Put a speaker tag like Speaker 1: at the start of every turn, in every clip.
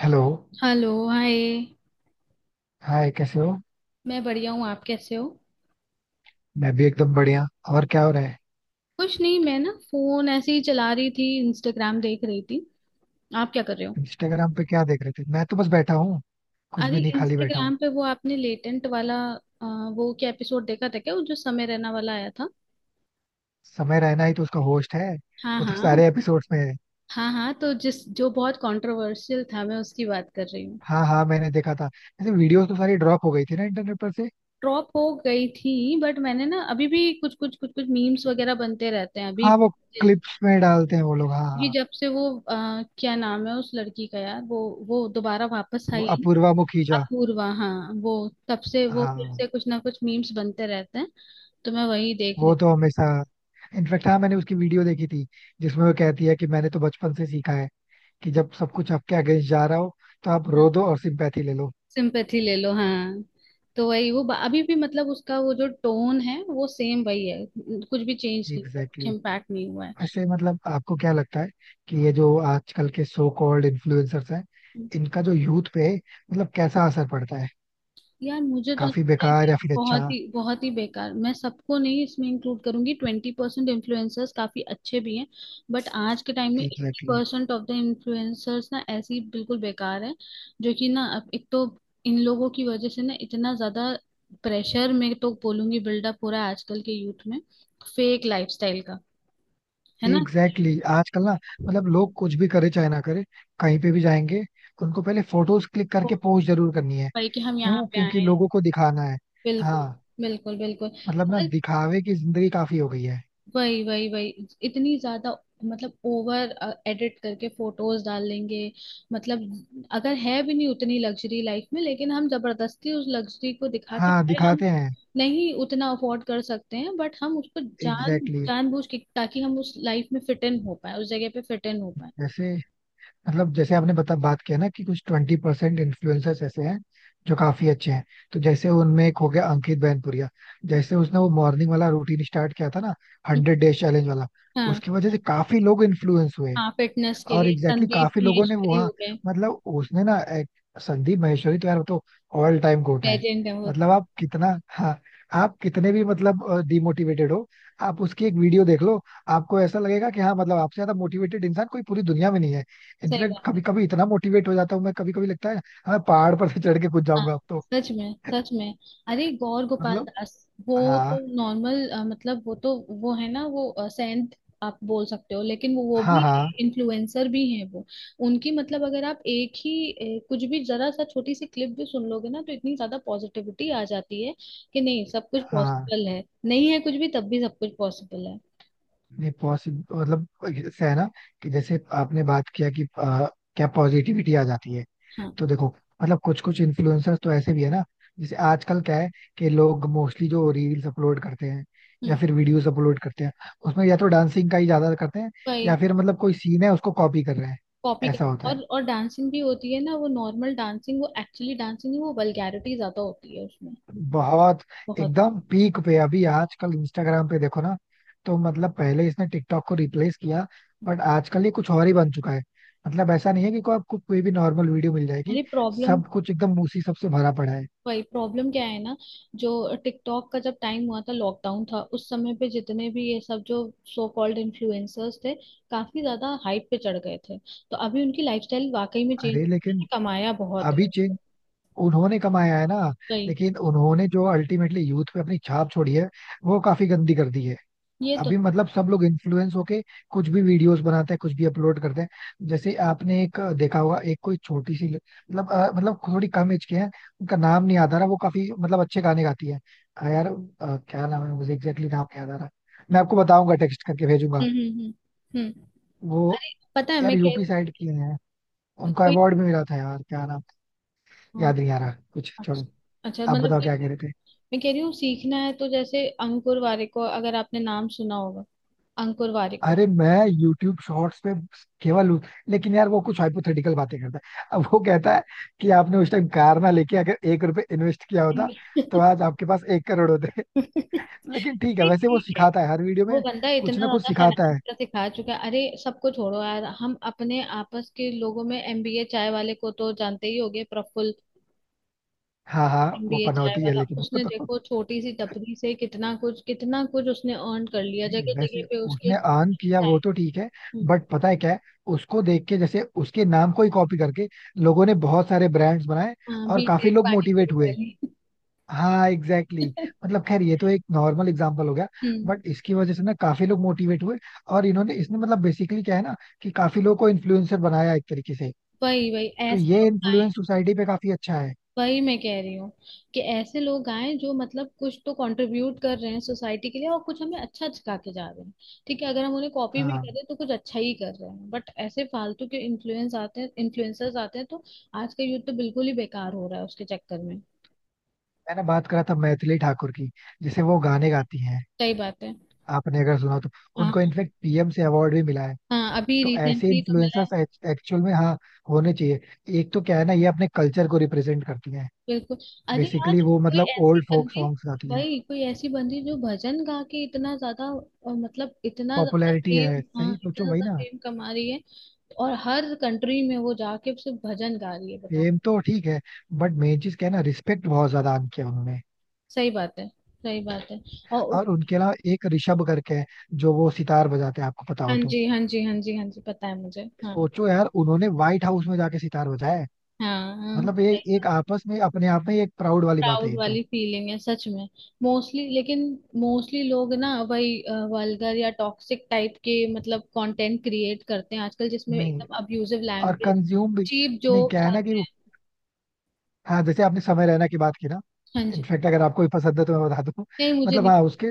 Speaker 1: Hello.
Speaker 2: Hello hi.
Speaker 1: Hi, कैसे हो?
Speaker 2: मैं बढ़िया हूँ, आप कैसे हो?
Speaker 1: मैं भी एकदम बढ़िया. और क्या हो रहा है?
Speaker 2: कुछ नहीं, मैं ना फोन ऐसे ही चला रही थी, इंस्टाग्राम देख रही थी। आप क्या कर रहे हो?
Speaker 1: इंस्टाग्राम पे क्या देख रहे थे? मैं तो बस बैठा हूँ, कुछ
Speaker 2: अरे
Speaker 1: भी नहीं, खाली बैठा हूँ.
Speaker 2: इंस्टाग्राम पे वो आपने लेटेंट वाला वो क्या एपिसोड देखा था क्या, वो जो समय रैना वाला आया था?
Speaker 1: समय रहना ही तो उसका होस्ट है.
Speaker 2: हाँ,
Speaker 1: वो तो
Speaker 2: हाँ।
Speaker 1: सारे एपिसोड्स में है.
Speaker 2: हाँ, हाँ, तो जिस जो बहुत कंट्रोवर्शियल था मैं उसकी बात कर रही हूँ।
Speaker 1: हाँ हाँ, मैंने देखा था. ऐसे वीडियोस तो सारी ड्रॉप हो गई थी ना इंटरनेट पर से.
Speaker 2: ड्रॉप हो गई थी। बट मैंने ना अभी भी कुछ कुछ कुछ कुछ मीम्स वगैरह बनते रहते हैं अभी।
Speaker 1: हाँ, वो क्लिप्स में डालते हैं वो लोग. हाँ
Speaker 2: ये
Speaker 1: हाँ,
Speaker 2: जब से वो क्या नाम है उस लड़की का यार, वो दोबारा वापस
Speaker 1: वो
Speaker 2: आई।
Speaker 1: अपूर्वा मुखीजा.
Speaker 2: अपूर्वा, हाँ वो तब से वो फिर से
Speaker 1: हाँ,
Speaker 2: कुछ ना कुछ मीम्स बनते रहते हैं। तो मैं वही देख
Speaker 1: वो
Speaker 2: रही
Speaker 1: तो हमेशा. इनफेक्ट हाँ, मैंने उसकी वीडियो देखी थी जिसमें वो कहती है कि मैंने तो बचपन से सीखा है कि जब सब कुछ आपके अगेंस्ट जा रहा हो तो आप
Speaker 2: हूँ।
Speaker 1: रो दो और सिंपैथी ले लो.
Speaker 2: सिंपैथी ले लो, हाँ। तो वही वो अभी भी मतलब उसका वो जो टोन है वो सेम वही है, कुछ भी चेंज नहीं हुआ,
Speaker 1: एग्जैक्टली
Speaker 2: कुछ
Speaker 1: exactly.
Speaker 2: इम्पैक्ट नहीं हुआ।
Speaker 1: ऐसे मतलब आपको क्या लगता है कि ये जो आजकल के सो कॉल्ड इन्फ्लुएंसर्स हैं,
Speaker 2: है।
Speaker 1: इनका जो यूथ पे मतलब कैसा असर पड़ता है?
Speaker 2: यार मुझे तो
Speaker 1: काफी
Speaker 2: लगता है
Speaker 1: बेकार
Speaker 2: कि
Speaker 1: या फिर अच्छा?
Speaker 2: बहुत ही बेकार। मैं सबको नहीं इसमें इंक्लूड करूंगी, 20% इन्फ्लुएंसर्स काफी अच्छे भी हैं। बट आज के टाइम में eighty
Speaker 1: exactly exactly.
Speaker 2: Percent of the influencers ना ऐसे ही बिल्कुल बेकार है जो कि ना, अब एक तो इन लोगों की वजह से ना इतना ज्यादा प्रेशर में तो बोलूंगी, बिल्डअप हो रहा है आजकल के यूथ में, फेक लाइफस्टाइल का, है ना।
Speaker 1: Exactly exactly. आजकल ना, मतलब लोग कुछ भी करे चाहे ना करे, कहीं पे भी जाएंगे, उनको पहले फोटोज क्लिक करके पोस्ट जरूर करनी है.
Speaker 2: भाई कि हम यहाँ
Speaker 1: क्यों?
Speaker 2: पे आए
Speaker 1: क्योंकि
Speaker 2: हैं।
Speaker 1: लोगों को दिखाना है.
Speaker 2: बिल्कुल,
Speaker 1: हाँ.
Speaker 2: बिल्कुल, बिल्कुल।
Speaker 1: मतलब ना
Speaker 2: अगर,
Speaker 1: दिखावे की जिंदगी काफी हो गई है.
Speaker 2: वही वही वही इतनी ज्यादा, मतलब ओवर एडिट करके फोटोज डाल लेंगे, मतलब, अगर है भी नहीं उतनी लग्जरी लाइफ में, लेकिन हम जबरदस्ती उस लग्जरी को दिखा के,
Speaker 1: हाँ
Speaker 2: चाहे हम
Speaker 1: दिखाते हैं.
Speaker 2: नहीं उतना अफोर्ड कर सकते हैं, बट हम उसको जान
Speaker 1: एग्जैक्टली exactly.
Speaker 2: जानबूझ के ताकि हम उस लाइफ में फिट इन हो पाए, उस जगह पे फिट इन हो पाए।
Speaker 1: जैसे मतलब, जैसे आपने बता बात किया ना कि कुछ 20% इन्फ्लुएंसर्स ऐसे हैं जो काफी अच्छे हैं. तो जैसे उनमें एक हो गया अंकित बैनपुरिया. जैसे उसने वो मॉर्निंग वाला रूटीन स्टार्ट किया था ना,
Speaker 2: हम्म,
Speaker 1: 100 डेज चैलेंज वाला.
Speaker 2: हाँ।
Speaker 1: उसकी वजह से काफी लोग इन्फ्लुएंस हुए.
Speaker 2: हाँ, फिटनेस के
Speaker 1: और
Speaker 2: लिए
Speaker 1: एग्जैक्टली exactly
Speaker 2: संदीप
Speaker 1: काफी लोगों ने वो,
Speaker 2: महेश्वरी
Speaker 1: हाँ
Speaker 2: हो गए।
Speaker 1: मतलब उसने ना एक, संदीप महेश्वरी तो यार वो तो ऑल टाइम गोट है.
Speaker 2: लेजेंड है वो
Speaker 1: मतलब
Speaker 2: तो।
Speaker 1: आप कितना, हाँ आप कितने भी मतलब डिमोटिवेटेड हो, आप उसकी एक वीडियो देख लो, आपको ऐसा लगेगा कि हाँ, मतलब आपसे ज्यादा मोटिवेटेड इंसान कोई पूरी दुनिया में नहीं है.
Speaker 2: सही
Speaker 1: इनफैक्ट
Speaker 2: बात है।
Speaker 1: कभी कभी इतना मोटिवेट हो जाता हूँ मैं, कभी कभी लगता है हाँ, मैं पहाड़ पर से चढ़ के कूद
Speaker 2: हाँ,
Speaker 1: जाऊंगा अब तो.
Speaker 2: सच में, सच में। अरे गौर गोपाल
Speaker 1: मतलब
Speaker 2: दास। वो
Speaker 1: हाँ
Speaker 2: तो नॉर्मल, मतलब वो तो, वो है ना, वो सेंट आप बोल सकते हो, लेकिन वो
Speaker 1: हाँ
Speaker 2: भी
Speaker 1: हाँ
Speaker 2: इन्फ्लुएंसर भी हैं वो। उनकी, मतलब अगर आप एक ही कुछ भी जरा सा छोटी सी क्लिप भी सुन लोगे ना, तो इतनी ज्यादा पॉजिटिविटी आ जाती है कि नहीं, सब कुछ
Speaker 1: हाँ,
Speaker 2: पॉसिबल है, नहीं है कुछ भी तब भी सब कुछ पॉसिबल है।
Speaker 1: नहीं पॉसिबल मतलब. ऐसा है ना कि जैसे आपने बात किया कि क्या पॉजिटिविटी आ जाती है?
Speaker 2: हाँ।
Speaker 1: तो देखो, मतलब कुछ कुछ इन्फ्लुएंसर्स तो ऐसे भी है ना, जैसे आजकल क्या है कि लोग मोस्टली जो रील्स अपलोड करते हैं या
Speaker 2: हम्म,
Speaker 1: फिर वीडियोस अपलोड करते हैं, उसमें या तो डांसिंग का ही ज्यादा करते हैं या
Speaker 2: वही,
Speaker 1: फिर मतलब कोई सीन है उसको कॉपी कर रहे हैं.
Speaker 2: कॉपी कर,
Speaker 1: ऐसा होता
Speaker 2: और
Speaker 1: है.
Speaker 2: और डांसिंग भी होती है ना, वो नॉर्मल डांसिंग, वो एक्चुअली डांसिंग नहीं, वो वल्गैरिटी ज्यादा होती है उसमें।
Speaker 1: बहुत
Speaker 2: बहुत।
Speaker 1: एकदम पीक पे अभी आजकल इंस्टाग्राम पे देखो ना, तो मतलब पहले इसने टिकटॉक को रिप्लेस किया, बट आजकल ये कुछ और ही बन चुका है. मतलब ऐसा नहीं है कि को आपको कोई भी नॉर्मल वीडियो मिल जाएगी.
Speaker 2: अरे प्रॉब्लम,
Speaker 1: सब कुछ एकदम उसी सबसे भरा पड़ा है.
Speaker 2: वही प्रॉब्लम क्या है ना, जो टिकटॉक का जब टाइम हुआ था, लॉकडाउन था उस समय पे, जितने भी ये सब जो सो कॉल्ड इन्फ्लुएंसर्स थे, काफी ज्यादा हाइप पे चढ़ गए थे, तो अभी उनकी लाइफस्टाइल वाकई में चेंज।
Speaker 1: अरे लेकिन
Speaker 2: कमाया बहुत
Speaker 1: अभी
Speaker 2: है।
Speaker 1: चेंज, उन्होंने कमाया है ना,
Speaker 2: वही,
Speaker 1: लेकिन उन्होंने जो अल्टीमेटली यूथ पे अपनी छाप छोड़ी है, वो काफी गंदी कर दी है.
Speaker 2: ये तो।
Speaker 1: अभी मतलब सब लोग इन्फ्लुएंस होके कुछ भी वीडियोस बनाते हैं, कुछ भी अपलोड करते हैं. जैसे आपने एक देखा होगा, एक कोई छोटी सी मतलब मतलब थोड़ी कम एज के हैं, उनका नाम नहीं याद आ रहा, वो काफी मतलब अच्छे गाने गाती है. यार क्या नाम है, मुझे एग्जैक्टली नाम नहीं याद आ रहा. मैं आपको बताऊंगा, टेक्स्ट करके भेजूंगा.
Speaker 2: हम्म, हम्म, हम्म,
Speaker 1: वो
Speaker 2: अरे पता है
Speaker 1: यार
Speaker 2: मैं कह
Speaker 1: यूपी
Speaker 2: रही,
Speaker 1: साइड की है, उनको
Speaker 2: कोई,
Speaker 1: अवार्ड भी मिला था यार. क्या नाम,
Speaker 2: हाँ,
Speaker 1: याद नहीं आ रहा, कुछ छोड़ो.
Speaker 2: अच्छा, अच्छा,
Speaker 1: आप
Speaker 2: मतलब
Speaker 1: बताओ
Speaker 2: कोई,
Speaker 1: क्या कह रहे थे?
Speaker 2: मैं कह रही हूँ, सीखना है तो जैसे अंकुर वारिको, अगर आपने नाम सुना होगा, अंकुर वारिको।
Speaker 1: अरे मैं YouTube शॉर्ट्स पे केवल उस- लेकिन यार वो कुछ हाइपोथेटिकल बातें करता है. अब वो कहता है कि आपने उस टाइम कार ना लेके अगर 1 रुपए इन्वेस्ट किया होता तो
Speaker 2: नहीं,
Speaker 1: आज आपके पास 1 करोड़ होते लेकिन ठीक है, वैसे वो
Speaker 2: ठीक है।
Speaker 1: सिखाता है हर वीडियो
Speaker 2: वो
Speaker 1: में
Speaker 2: बंदा इतना
Speaker 1: कुछ ना कुछ
Speaker 2: ज्यादा
Speaker 1: सिखाता
Speaker 2: फाइनेंस
Speaker 1: है.
Speaker 2: का सिखा चुका है। अरे सबको छोड़ो यार, हम अपने आपस के लोगों में एमबीए चाय वाले को तो जानते ही होंगे, प्रफुल्ल।
Speaker 1: हाँ हाँ, वो
Speaker 2: एमबीए चाय
Speaker 1: पनौती है
Speaker 2: वाला,
Speaker 1: लेकिन वो
Speaker 2: उसने
Speaker 1: तो
Speaker 2: देखो छोटी सी टपरी से कितना कुछ, कितना कुछ उसने अर्न कर लिया,
Speaker 1: नहीं
Speaker 2: जगह जगह
Speaker 1: वैसे
Speaker 2: पे उसके
Speaker 1: उसने अर्न किया
Speaker 2: चाय,
Speaker 1: वो तो ठीक है,
Speaker 2: हम्म,
Speaker 1: बट पता है क्या है, उसको देख के जैसे उसके नाम को ही कॉपी करके लोगों ने बहुत सारे ब्रांड्स बनाए
Speaker 2: हाँ।
Speaker 1: और काफी
Speaker 2: बीटेक
Speaker 1: लोग
Speaker 2: पानीपुरी
Speaker 1: मोटिवेट हुए.
Speaker 2: वाली।
Speaker 1: हाँ एग्जैक्टली exactly. मतलब खैर ये तो एक नॉर्मल एग्जांपल हो गया,
Speaker 2: हम्म,
Speaker 1: बट इसकी वजह से ना काफी लोग मोटिवेट हुए. और इन्होंने इसने मतलब बेसिकली क्या है ना कि काफी लोगों को इन्फ्लुएंसर बनाया एक तरीके से.
Speaker 2: वही वही
Speaker 1: तो
Speaker 2: ऐसे
Speaker 1: ये
Speaker 2: लोग आए।
Speaker 1: इन्फ्लुएंस सोसाइटी पे काफी अच्छा है.
Speaker 2: वही मैं कह रही हूँ कि ऐसे लोग आए जो मतलब कुछ तो कंट्रीब्यूट कर रहे हैं सोसाइटी के लिए, और कुछ हमें अच्छा सिखा के जा रहे हैं। ठीक है, अगर हम उन्हें कॉपी भी
Speaker 1: हाँ,
Speaker 2: करें तो कुछ अच्छा ही कर रहे हैं। बट ऐसे फालतू के इन्फ्लुएंस आते हैं, इन्फ्लुएंसर्स आते हैं, तो आज का यूथ तो बिल्कुल ही बेकार हो रहा है उसके चक्कर में।
Speaker 1: मैंने बात करा था मैथिली ठाकुर की, जिसे वो गाने गाती हैं,
Speaker 2: सही बात है।
Speaker 1: आपने अगर सुना हो तो. उनको
Speaker 2: हाँ,
Speaker 1: इनफेक्ट पीएम से अवार्ड भी मिला है.
Speaker 2: हाँ, अभी
Speaker 1: तो ऐसे
Speaker 2: रिसेंटली तो मिला है।
Speaker 1: इन्फ्लुएंसर्स एक्चुअल में हाँ होने चाहिए. एक तो क्या है ना, ये अपने कल्चर को रिप्रेजेंट करती हैं.
Speaker 2: बिल्कुल। अरे यार
Speaker 1: बेसिकली वो
Speaker 2: कोई
Speaker 1: मतलब
Speaker 2: ऐसी
Speaker 1: ओल्ड फोक
Speaker 2: बंदी,
Speaker 1: सॉन्ग्स गाती हैं.
Speaker 2: भाई कोई ऐसी बंदी जो भजन गा के इतना ज्यादा मतलब इतना ज्यादा
Speaker 1: पॉपुलैरिटी है,
Speaker 2: फेम, हाँ
Speaker 1: सही
Speaker 2: इतना
Speaker 1: सोचो वही
Speaker 2: ज्यादा
Speaker 1: ना.
Speaker 2: फेम कमा रही है, और हर कंट्री में वो जाके सिर्फ भजन गा रही है, बताओ।
Speaker 1: फेम तो ठीक है, बट मेन चीज क्या है ना, रिस्पेक्ट बहुत ज्यादा अर्न किया उन्होंने.
Speaker 2: सही बात है, सही बात है। और
Speaker 1: और उनके अलावा एक ऋषभ करके है, जो वो सितार बजाते हैं, आपको पता
Speaker 2: हाँ
Speaker 1: हो तो.
Speaker 2: जी, हाँ जी, हाँ जी, हाँ जी, पता है मुझे, हाँ।
Speaker 1: सोचो यार, उन्होंने व्हाइट हाउस में जाके सितार बजाया है.
Speaker 2: हाँ, हाँ,
Speaker 1: मतलब ये
Speaker 2: सही बात।
Speaker 1: एक आपस में, अपने आप में एक प्राउड वाली बात है
Speaker 2: प्राउड
Speaker 1: ये तो.
Speaker 2: वाली फीलिंग है, सच में। मोस्टली लेकिन, मोस्टली लोग ना वही वल्गर या टॉक्सिक टाइप के मतलब कंटेंट क्रिएट करते हैं आजकल, जिसमें
Speaker 1: नहीं
Speaker 2: एकदम अब्यूजिव
Speaker 1: और
Speaker 2: लैंग्वेज,
Speaker 1: कंज्यूम भी.
Speaker 2: चीप
Speaker 1: नहीं
Speaker 2: जोक्स
Speaker 1: क्या है ना कि
Speaker 2: आते
Speaker 1: वो,
Speaker 2: हैं।
Speaker 1: हाँ जैसे आपने समय रहना की बात की ना,
Speaker 2: हाँ जी।
Speaker 1: इनफैक्ट अगर आपको भी पसंद है तो मैं बता दूं
Speaker 2: नहीं, मुझे
Speaker 1: मतलब
Speaker 2: नहीं।
Speaker 1: हाँ उसके,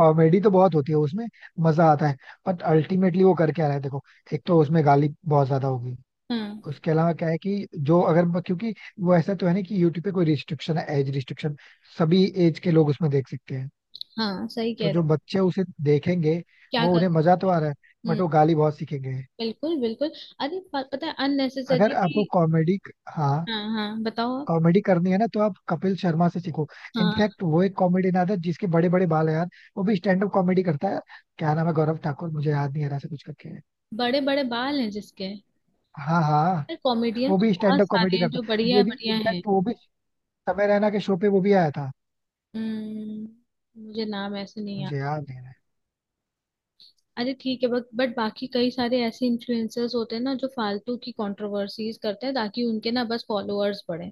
Speaker 1: कॉमेडी तो बहुत होती है उसमें, मजा आता है, बट अल्टीमेटली वो कर क्या रहा है देखो. एक तो उसमें गाली बहुत ज्यादा होगी.
Speaker 2: हाँ,
Speaker 1: उसके अलावा क्या है कि जो, अगर क्योंकि वो ऐसा तो है नहीं कि यूट्यूब पे कोई रिस्ट्रिक्शन है, एज रिस्ट्रिक्शन. सभी एज के लोग उसमें देख सकते हैं.
Speaker 2: हाँ, सही कह
Speaker 1: तो
Speaker 2: रहे
Speaker 1: जो
Speaker 2: हो।
Speaker 1: बच्चे उसे देखेंगे,
Speaker 2: क्या
Speaker 1: वो
Speaker 2: कर,
Speaker 1: उन्हें मजा तो आ रहा है बट
Speaker 2: हम्म,
Speaker 1: वो गाली बहुत सीखेंगे.
Speaker 2: बिल्कुल, बिल्कुल। अरे पता है
Speaker 1: अगर
Speaker 2: अननेसेसरी।
Speaker 1: आपको कॉमेडी, हाँ
Speaker 2: हाँ, हाँ, बताओ आप।
Speaker 1: कॉमेडी करनी है ना तो आप कपिल शर्मा से सीखो.
Speaker 2: हाँ,
Speaker 1: इनफैक्ट वो एक कॉमेडियन था जिसके बड़े बड़े बाल है यार, वो भी स्टैंड अप कॉमेडी करता है. क्या नाम है, गौरव ठाकुर, मुझे याद नहीं आ रहा, से कुछ करके है.
Speaker 2: बड़े बड़े बाल हैं जिसके?
Speaker 1: हाँ हाँ,
Speaker 2: यार
Speaker 1: वो
Speaker 2: कॉमेडियंस
Speaker 1: भी स्टैंड
Speaker 2: बहुत
Speaker 1: अप
Speaker 2: सारे
Speaker 1: कॉमेडी
Speaker 2: हैं
Speaker 1: करता
Speaker 2: जो
Speaker 1: है.
Speaker 2: बढ़िया
Speaker 1: ये भी
Speaker 2: बढ़िया हैं।
Speaker 1: इनफैक्ट वो भी समय रैना के शो पे वो भी आया था.
Speaker 2: हम्म, मुझे नाम ऐसे नहीं
Speaker 1: मुझे
Speaker 2: याद।
Speaker 1: याद नहीं रहा.
Speaker 2: अरे ठीक है, बट बाकी कई सारे ऐसे इन्फ्लुएंसर्स होते हैं ना जो फालतू की कंट्रोवर्सीज करते हैं ताकि उनके ना बस फॉलोअर्स बढ़े।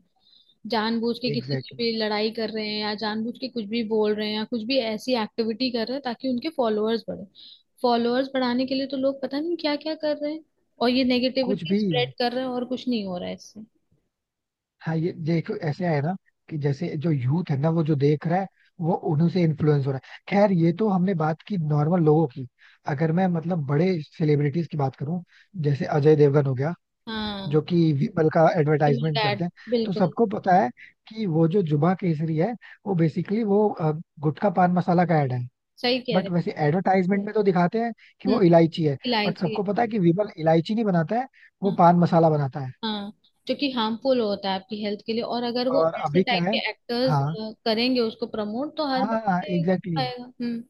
Speaker 2: जानबूझ के किसी से
Speaker 1: एग्जैक्टली exactly.
Speaker 2: भी लड़ाई कर रहे हैं, या जानबूझ के कुछ भी बोल रहे हैं, या कुछ भी ऐसी एक्टिविटी कर रहे हैं ताकि उनके फॉलोअर्स बढ़े। फॉलोअर्स बढ़ाने के लिए तो लोग पता नहीं क्या क्या कर रहे हैं, और ये
Speaker 1: कुछ
Speaker 2: नेगेटिविटी
Speaker 1: भी
Speaker 2: स्प्रेड कर रहे हैं, और कुछ नहीं हो रहा है इससे।
Speaker 1: हाँ, ये देखो ऐसे है ना कि जैसे जो यूथ है ना, वो जो देख रहा है, वो उन्हीं से इन्फ्लुएंस हो रहा है. खैर ये तो हमने बात की नॉर्मल लोगों की. अगर मैं मतलब बड़े सेलिब्रिटीज की बात करूं, जैसे अजय देवगन हो गया,
Speaker 2: हाँ,
Speaker 1: जो कि विपल का एडवर्टाइजमेंट
Speaker 2: डैड,
Speaker 1: करते हैं. तो
Speaker 2: बिल्कुल,
Speaker 1: सबको पता है कि वो जो जुबा केसरी है, वो बेसिकली वो गुटखा पान मसाला का ऐड है.
Speaker 2: सही कह
Speaker 1: बट
Speaker 2: रहे
Speaker 1: वैसे एडवर्टाइजमेंट में तो दिखाते हैं कि
Speaker 2: हैं। हम्म,
Speaker 1: वो इलायची है. बट
Speaker 2: इलायची।
Speaker 1: सबको पता है कि विपल इलायची नहीं बनाता है, वो
Speaker 2: हाँ।
Speaker 1: पान मसाला बनाता है.
Speaker 2: हाँ, जो कि हार्मफुल होता है आपकी हेल्थ के लिए, और अगर वो
Speaker 1: और
Speaker 2: ऐसे
Speaker 1: अभी क्या
Speaker 2: टाइप
Speaker 1: है,
Speaker 2: के एक्टर्स
Speaker 1: हाँ
Speaker 2: करेंगे उसको प्रमोट, तो हर
Speaker 1: हाँ
Speaker 2: बच्चे
Speaker 1: एग्जैक्टली exactly.
Speaker 2: आएगा। हम्म,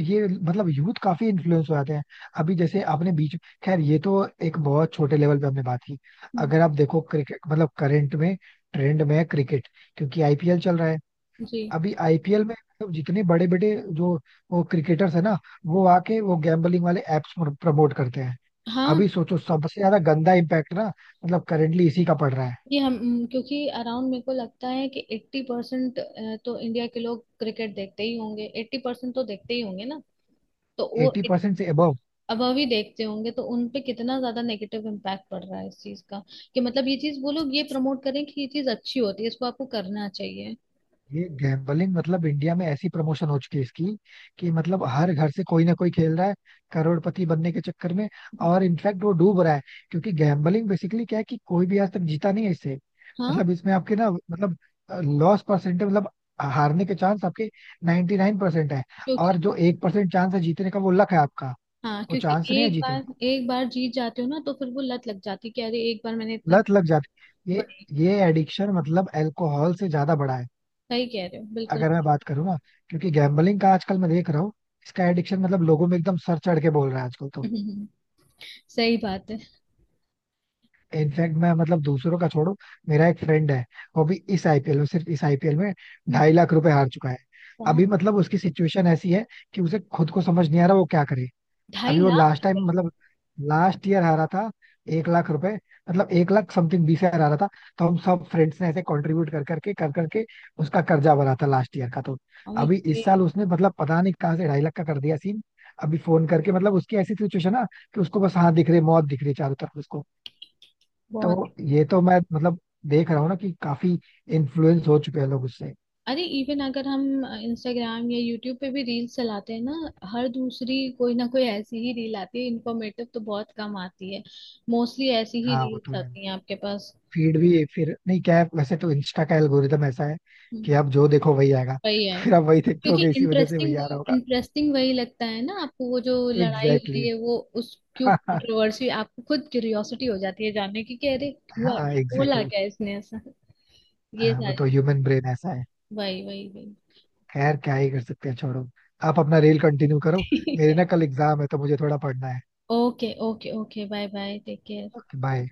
Speaker 1: ये मतलब यूथ काफी इन्फ्लुएंस हो जाते हैं. अभी जैसे आपने बीच, खैर ये तो एक बहुत छोटे लेवल पे हमने बात की.
Speaker 2: हम्म,
Speaker 1: अगर आप देखो क्रिकेट, मतलब करंट में ट्रेंड में है क्रिकेट, क्योंकि आईपीएल चल रहा है.
Speaker 2: जी
Speaker 1: अभी आईपीएल में मतलब जितने बड़े बड़े जो वो क्रिकेटर्स है ना, वो आके वो गैम्बलिंग वाले एप्स प्रमोट करते हैं.
Speaker 2: हाँ।
Speaker 1: अभी सोचो सबसे ज्यादा गंदा इम्पैक्ट ना, मतलब करेंटली इसी का पड़ रहा है.
Speaker 2: ये हम, क्योंकि अराउंड मेरे को लगता है कि 80% तो इंडिया के लोग क्रिकेट देखते ही होंगे, 80% तो देखते ही होंगे ना, तो वो
Speaker 1: एटी परसेंट से अबव.
Speaker 2: अब अभी देखते होंगे तो उन पे कितना ज्यादा नेगेटिव इम्पैक्ट पड़ रहा है इस चीज का, कि मतलब ये चीज वो लोग ये प्रमोट करें कि ये चीज अच्छी होती है, इसको आपको करना चाहिए।
Speaker 1: ये गैम्बलिंग मतलब इंडिया में ऐसी प्रमोशन हो चुकी है इसकी कि मतलब हर घर से कोई ना कोई खेल रहा है, करोड़पति बनने के चक्कर में. और इनफैक्ट वो डूब रहा है, क्योंकि गैम्बलिंग बेसिकली क्या है कि कोई भी आज तक जीता नहीं है इससे.
Speaker 2: हाँ
Speaker 1: मतलब इसमें आपके ना, मतलब लॉस परसेंट है, मतलब हारने के चांस आपके 99% 9% है.
Speaker 2: क्योंकि
Speaker 1: और जो 1% चांस है जीतने का, वो लक है आपका,
Speaker 2: हाँ
Speaker 1: वो
Speaker 2: क्योंकि
Speaker 1: चांस नहीं है
Speaker 2: एक
Speaker 1: जीतने
Speaker 2: बार,
Speaker 1: का.
Speaker 2: एक बार जीत जाते हो ना तो फिर वो लत लग जाती है कि अरे एक बार मैंने इतना
Speaker 1: लत लग जाती है. ये
Speaker 2: बड़े,
Speaker 1: ये एडिक्शन मतलब अल्कोहल से ज्यादा बड़ा है.
Speaker 2: सही कह रहे हो, बिल्कुल।
Speaker 1: अगर मैं बात करूँ ना, क्योंकि गैम्बलिंग का आजकल मैं देख रहा हूँ, इसका एडिक्शन मतलब लोगों में एकदम सर चढ़ के बोल रहा है आजकल तो.
Speaker 2: हम्म, सही बात है।
Speaker 1: इनफैक्ट मैं मतलब दूसरों का छोड़ो, मेरा एक फ्रेंड है, वो भी इस आईपीएल में, सिर्फ इस आईपीएल में
Speaker 2: हम्म,
Speaker 1: 2.5 लाख रुपए हार चुका है.
Speaker 2: बहुत।
Speaker 1: अभी मतलब उसकी सिचुएशन ऐसी है कि उसे खुद को समझ नहीं आ रहा वो क्या करे.
Speaker 2: ढाई
Speaker 1: अभी वो
Speaker 2: लाख
Speaker 1: लास्ट टाइम
Speaker 2: रुपए
Speaker 1: मतलब लास्ट ईयर हारा था 1 लाख रुपए, मतलब 1 लाख समथिंग 20 हजार हारा था. तो हम सब फ्रेंड्स ने ऐसे कंट्रीब्यूट कर करके उसका कर्जा भरा था लास्ट ईयर का. तो
Speaker 2: और ये
Speaker 1: अभी इस साल उसने मतलब पता नहीं कहाँ से 2.5 लाख का कर दिया सीन. अभी फोन करके मतलब उसकी ऐसी सिचुएशन ना कि उसको बस हाथ दिख रही है, मौत दिख रही है चारों तरफ उसको.
Speaker 2: बहुत।
Speaker 1: तो ये तो मैं मतलब देख रहा हूँ ना कि काफी इन्फ्लुएंस हो चुके हैं लोग उससे.
Speaker 2: अरे इवन अगर हम इंस्टाग्राम या यूट्यूब पे भी रील्स चलाते हैं ना, हर दूसरी कोई ना कोई ऐसी ही रील आती है, इन्फॉर्मेटिव तो बहुत कम आती है। मोस्टली ऐसी ही
Speaker 1: हाँ वो तो
Speaker 2: रील्स
Speaker 1: है.
Speaker 2: आती हैं आपके पास।
Speaker 1: फीड भी फिर, नहीं क्या है, वैसे तो इंस्टा का एल्गोरिदम ऐसा है कि
Speaker 2: हम्म।
Speaker 1: आप जो देखो वही आएगा.
Speaker 2: वही
Speaker 1: तो
Speaker 2: है।
Speaker 1: फिर आप वही देखते
Speaker 2: क्योंकि
Speaker 1: होगे, इसी वजह से
Speaker 2: इंटरेस्टिंग
Speaker 1: वही
Speaker 2: वो,
Speaker 1: आ रहा होगा.
Speaker 2: इंटरेस्टिंग वही लगता है ना आपको, वो जो लड़ाई हो
Speaker 1: एग्जैक्टली
Speaker 2: रही
Speaker 1: exactly.
Speaker 2: है, वो उस क्यों कंट्रोवर्सी, आपको खुद क्यूरियोसिटी हो जाती है जानने की कि अरे,
Speaker 1: हाँ
Speaker 2: हुआ क्या,
Speaker 1: एग्जैक्टली
Speaker 2: बोला क्या
Speaker 1: exactly.
Speaker 2: इसने ऐसा, ये
Speaker 1: हाँ वो
Speaker 2: सारी
Speaker 1: तो ह्यूमन ब्रेन ऐसा है.
Speaker 2: वही वही वही।
Speaker 1: खैर क्या ही कर सकते हैं, छोड़ो, आप अपना रेल कंटिन्यू करो.
Speaker 2: ठीक
Speaker 1: मेरे
Speaker 2: है।
Speaker 1: ना कल एग्जाम है तो मुझे थोड़ा पढ़ना है.
Speaker 2: Okay, okay, okay, bye bye, take care.
Speaker 1: Okay bye.